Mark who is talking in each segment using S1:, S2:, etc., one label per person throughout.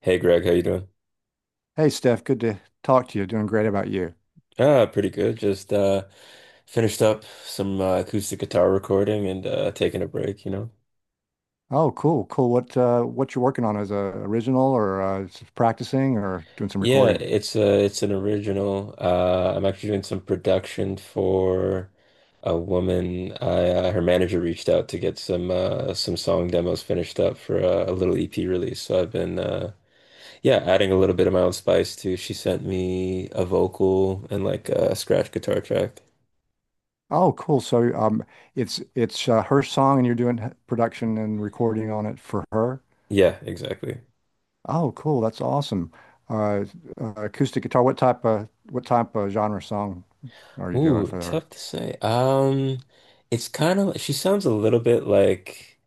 S1: Hey Greg, how you doing?
S2: Hey Steph, good to talk to you. Doing great about you.
S1: Ah, pretty good. Just finished up some acoustic guitar recording and taking a break, you know.
S2: Oh, cool, cool. What you're working on as a original or practicing or doing some
S1: Yeah,
S2: recording?
S1: it's an original. I'm actually doing some production for a woman. I Her manager reached out to get some some song demos finished up for a little EP release. So I've been yeah, adding a little bit of my own spice too. She sent me a vocal and like a scratch guitar track.
S2: Oh, cool. So it's her song and you're doing production and recording on it for her.
S1: Yeah, exactly.
S2: Oh, cool. That's awesome. Uh, acoustic guitar. What type of genre song are you doing
S1: Ooh,
S2: for her?
S1: tough to say. It's kind of she sounds a little bit like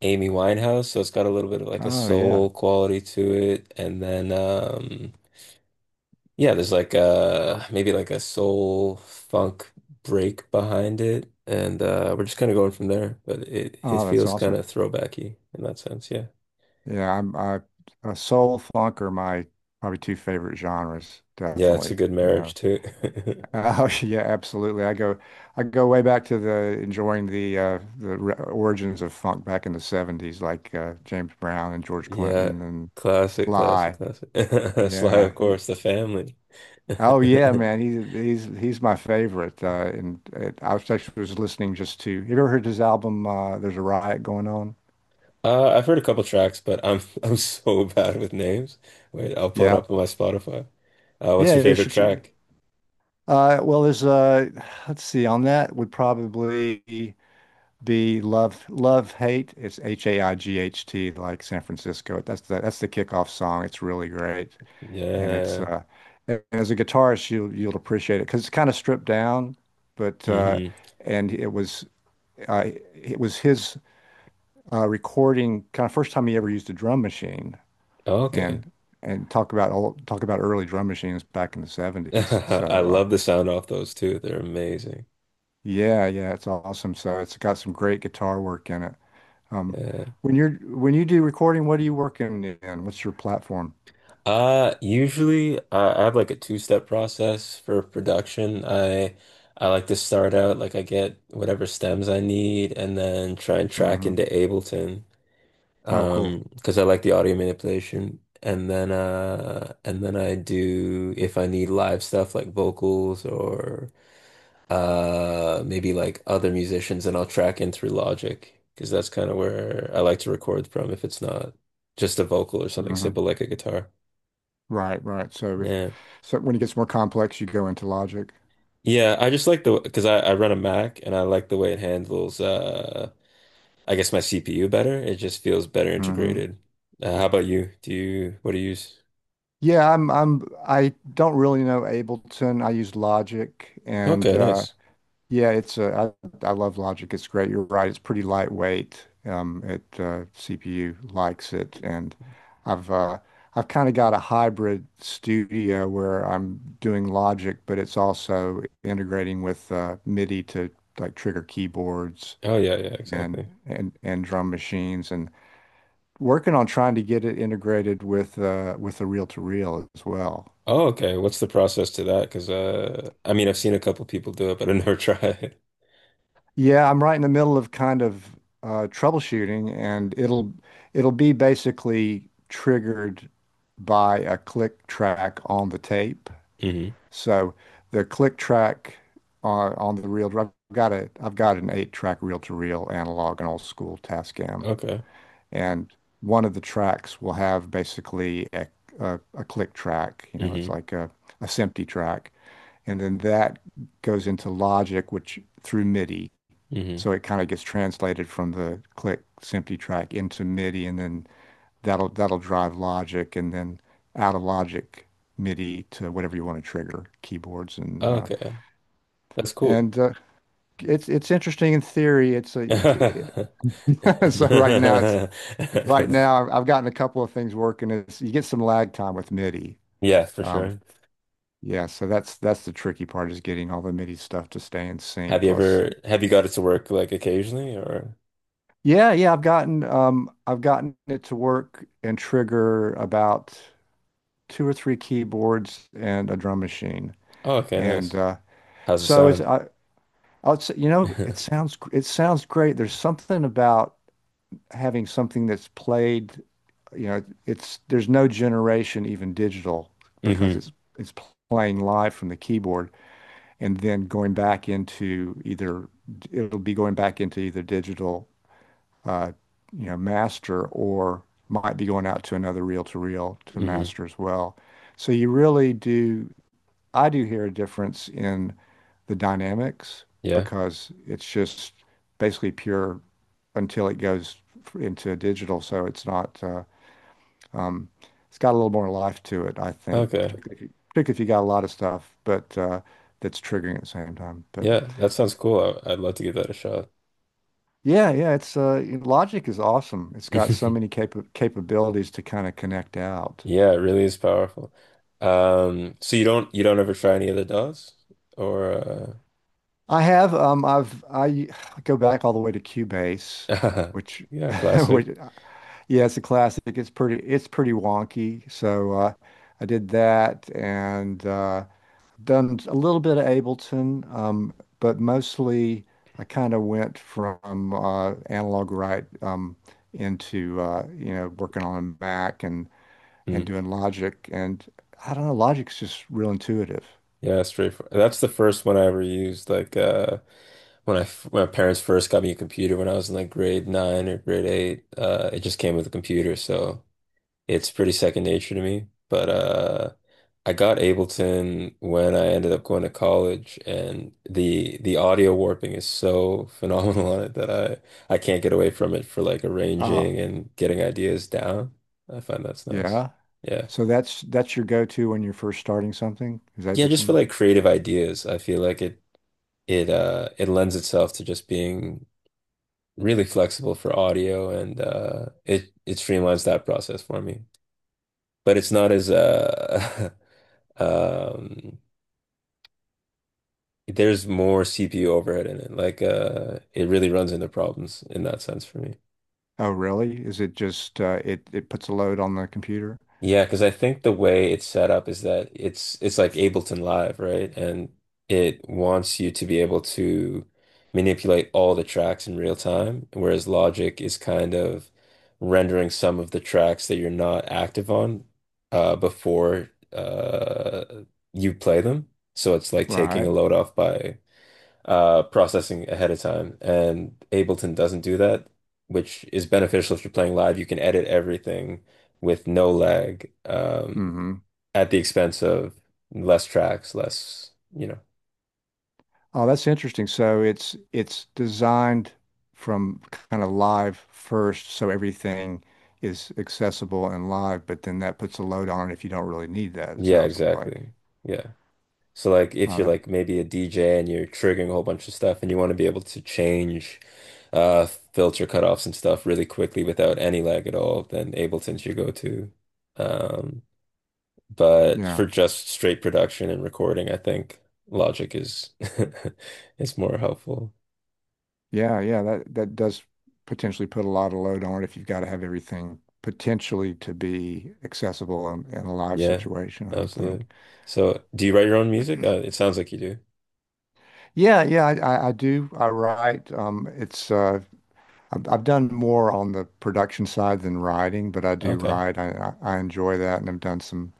S1: Amy Winehouse, so it's got a little bit of like a
S2: Oh, yeah.
S1: soul quality to it, and then yeah, there's like maybe like a soul funk break behind it, and we're just kind of going from there. But it
S2: Oh, that's
S1: feels kind
S2: awesome.
S1: of throwbacky in that sense, yeah.
S2: Yeah, I'm I soul funk are my probably two favorite genres,
S1: Yeah, it's a
S2: definitely.
S1: good
S2: Yeah.
S1: marriage too.
S2: Oh yeah, absolutely. I go way back to the enjoying the origins of funk back in the '70s, like James Brown and George
S1: Yeah,
S2: Clinton and
S1: classic, classic,
S2: Sly.
S1: classic. Sly,
S2: Yeah.
S1: of course, the family.
S2: Oh yeah, man. He's my favorite. And I was actually was listening just to. Have you ever heard his album? There's a riot going on.
S1: I've heard a couple tracks, but I'm I'm so bad with names. Wait, I'll pull it
S2: Yeah.
S1: up on my Spotify. What's
S2: Yeah.
S1: your
S2: You
S1: favorite
S2: should.
S1: track?
S2: Well, there's let's see. On that would probably. The Love Love Hate. It's Haight, like San Francisco. That's the kickoff song. It's really great, and it's
S1: Yeah.
S2: and as a guitarist, you you'll appreciate it because it's kind of stripped down, but
S1: Hmm.
S2: and it was his recording kind of first time he ever used a drum machine,
S1: Okay.
S2: and talk about early drum machines back in the '70s.
S1: I
S2: So
S1: love the sound off those too. They're amazing.
S2: yeah, yeah, it's awesome. So it's got some great guitar work in it. Um,
S1: Yeah.
S2: when you do recording, what are you working in? What's your platform?
S1: Usually I have like a two-step process for production. I like to start out like I get whatever stems I need and then try and track
S2: hmm
S1: into Ableton.
S2: Oh, cool.
S1: Because I like the audio manipulation. And then I do if I need live stuff like vocals or maybe like other musicians, and I'll track in through Logic because that's kind of where I like to record from if it's not just a vocal or something
S2: hmm
S1: simple like a guitar.
S2: Right, right. So if
S1: Yeah.
S2: so when it gets more complex, you go into Logic.
S1: Yeah, I just like the because I run a Mac and I like the way it handles I guess my CPU better. It just feels better
S2: hmm
S1: integrated. How about you? Do you what do you use?
S2: Yeah, I don't really know Ableton. I use Logic, and
S1: Okay, nice.
S2: yeah, it's I love Logic. It's great. You're right. It's pretty lightweight. It CPU likes it, and I've uh, I've kind of got a hybrid studio where I'm doing Logic, but it's also integrating with MIDI to like trigger keyboards
S1: Oh yeah, yeah,
S2: and
S1: exactly.
S2: drum machines, and working on trying to get it integrated with the reel to reel as well.
S1: Oh, okay. What's the process to that? Because I mean, I've seen a couple people do it, but I never tried.
S2: Yeah, I'm right in the middle of troubleshooting, and it'll be basically triggered by a click track on the tape.
S1: Hmm.
S2: So the click track on the reel, I've got an eight track reel to reel analog an old school Tascam,
S1: Okay.
S2: and one of the tracks will have basically a click track. You know, it's
S1: Hmm.
S2: like a SMPTE track, and then that goes into Logic, which through MIDI.
S1: Hmm.
S2: So it kind of gets translated from the click Simply track into MIDI, and then that'll drive Logic, and then out of Logic MIDI to whatever you want to trigger keyboards and
S1: Okay. That's cool.
S2: and uh, it's interesting in theory. It's a so right now it's right now I've gotten a couple of things working. Is you get some lag time with MIDI.
S1: Yeah, for
S2: Um,
S1: sure.
S2: yeah, so that's the tricky part is getting all the MIDI stuff to stay in
S1: Have
S2: sync
S1: you
S2: plus
S1: ever have you got it to work like occasionally or?
S2: yeah, yeah, I've gotten it to work and trigger about two or three keyboards and a drum machine.
S1: Oh, okay,
S2: And
S1: nice. How's it
S2: it's
S1: sound?
S2: I'll say, you know, it
S1: Hmm.
S2: sounds it sounds great. There's something about having something that's played, you know, it's there's no generation even digital because it's playing live from the keyboard and then going back into either digital uh, you know, master, or might be going out to another reel-to-reel to
S1: Hmm.
S2: master as well. So you really do, I do hear a difference in the dynamics
S1: Yeah.
S2: because it's just basically pure until it goes into digital. So it's not, um, it's got a little more life to it, I think,
S1: Okay.
S2: particularly if you got a lot of stuff, but that's triggering at the same time. But
S1: Yeah, that sounds cool. I'd love to give that a shot.
S2: yeah, yeah, it's Logic is awesome. It's got so many capabilities to kind of connect out.
S1: Yeah, it really is powerful. So you don't ever try any of the DAWs or
S2: I have I've I go back all the way to Cubase,
S1: uh
S2: which
S1: yeah, classic.
S2: which yeah, it's a classic. It's pretty wonky. So I did that, and done a little bit of Ableton, but mostly I kind of went from analog right into you know working on a Mac and
S1: Mm,
S2: doing logic. And I don't know, logic's just real intuitive.
S1: yeah, straightforward. That's the first one I ever used. When my parents first got me a computer when I was in like grade nine or grade eight, it just came with a computer, so it's pretty second nature to me, but I got Ableton when I ended up going to college, and the audio warping is so phenomenal on it that I can't get away from it for like arranging
S2: Ah,
S1: and getting ideas down. I find that's nice.
S2: yeah.
S1: Yeah,
S2: So that's your go-to when you're first starting something is
S1: yeah, just for
S2: Ableton.
S1: like creative ideas, I feel like it lends itself to just being really flexible for audio, and it it streamlines that process for me. But it's not as. um There's more CPU overhead in it. Like, it really runs into problems in that sense for me.
S2: Oh, really? Is it just it it puts a load on the computer?
S1: Yeah, because I think the way it's set up is that it's like Ableton Live, right? And it wants you to be able to manipulate all the tracks in real time, whereas Logic is kind of rendering some of the tracks that you're not active on before you play them. So it's like taking a
S2: Right.
S1: load off by processing ahead of time. And Ableton doesn't do that, which is beneficial if you're playing live. You can edit everything with no lag,
S2: hmm
S1: at the expense of less tracks, less, you know.
S2: Oh, that's interesting. So it's designed from kind of live first, so everything is accessible and live, but then that puts a load on it if you don't really need that, it
S1: Yeah,
S2: sounds like.
S1: exactly. Yeah. So like if you're
S2: Uh,
S1: like maybe a DJ and you're triggering a whole bunch of stuff and you want to be able to change filter cutoffs and stuff really quickly without any lag at all, then Ableton's your go-to. Um But
S2: yeah.
S1: for just straight production and recording, I think Logic is is more helpful.
S2: Yeah, yeah, that that does potentially put a lot of load on it if you've got to have everything potentially to be accessible in a live
S1: Yeah,
S2: situation, I would think.
S1: absolutely. So, do you write your own music? It sounds like you do.
S2: I do. I write. It's I've done more on the production side than writing, but I do
S1: Okay.
S2: write. I enjoy that, and I've done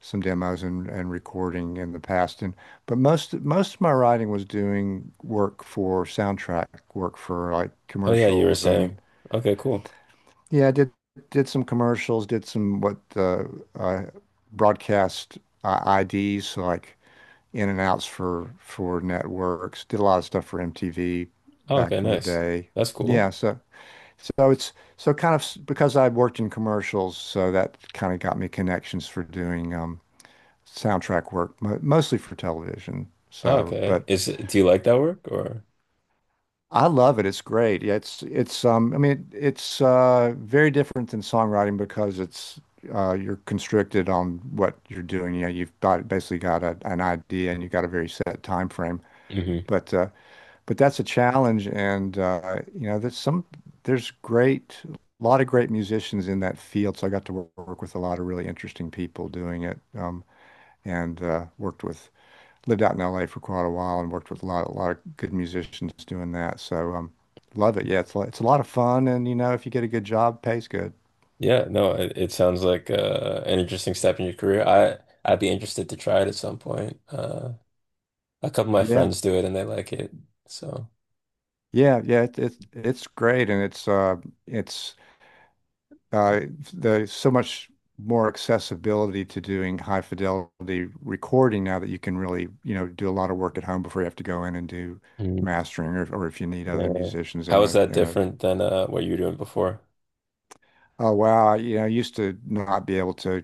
S2: some demos and recording in the past. And but most of my writing was doing work for soundtrack, work for like
S1: Oh yeah, you were
S2: commercials and
S1: saying. Okay, cool.
S2: yeah, I did some commercials, did some what uh broadcast IDs, so like in and outs for networks. Did a lot of stuff for MTV
S1: Oh,
S2: back
S1: okay,
S2: in the
S1: nice.
S2: day.
S1: That's
S2: Yeah,
S1: cool.
S2: so so it's so kind of s- Because I worked in commercials, so that kind of got me connections for doing soundtrack work, mo mostly for television.
S1: Oh,
S2: So,
S1: okay.
S2: but
S1: Is Do you like that work or?
S2: I love it. It's great. Yeah, it's I mean it's very different than songwriting because it's you're constricted on what you're doing. You know, you've got a, an idea, and you've got a very set time frame.
S1: Hmm.
S2: But uh but that's a challenge, and you know there's some there's great a lot of great musicians in that field. So I got to work with a lot of really interesting people doing it, and worked with lived out in LA for quite a while and worked with a lot of good musicians doing that. So, love it. Yeah, it's a lot of fun, and you know, if you get a good job, pays good.
S1: Yeah, no, it sounds like an interesting step in your career. I'd be interested to try it at some point. A couple of my
S2: Yeah,
S1: friends do it and they like it. So,
S2: it's great, and it's uh, there's so much more accessibility to doing high fidelity recording now that you can really, you know, do a lot of work at home before you have to go in and do
S1: Mm,
S2: mastering, or if you need other
S1: yeah.
S2: musicians
S1: How
S2: in
S1: is
S2: a
S1: that
S2: in a.
S1: different than what you were doing before?
S2: Oh wow, you know, I used to not be able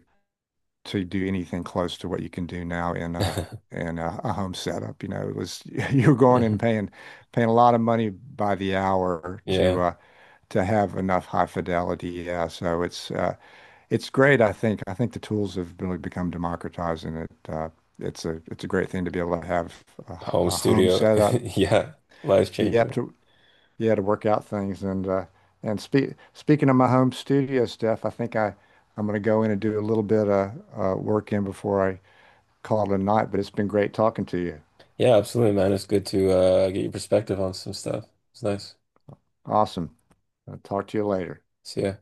S2: to do anything close to what you can do now in a home setup. You know, it was you were going in and
S1: Mhm.
S2: paying paying a lot of money by the hour
S1: Yeah,
S2: to have enough high fidelity. Yeah, so it's great. I think the tools have really become democratized, and it's a great thing to be able to have
S1: home
S2: a home
S1: studio.
S2: setup.
S1: Yeah, life
S2: You have
S1: changer.
S2: to you have to work out things, and speaking of my home studio stuff, I think I. I'm going to go in and do a little bit of work in before I call it a night, but it's been great talking to you.
S1: Yeah, absolutely, man. It's good to get your perspective on some stuff. It's nice.
S2: Awesome. I'll talk to you later.
S1: See ya.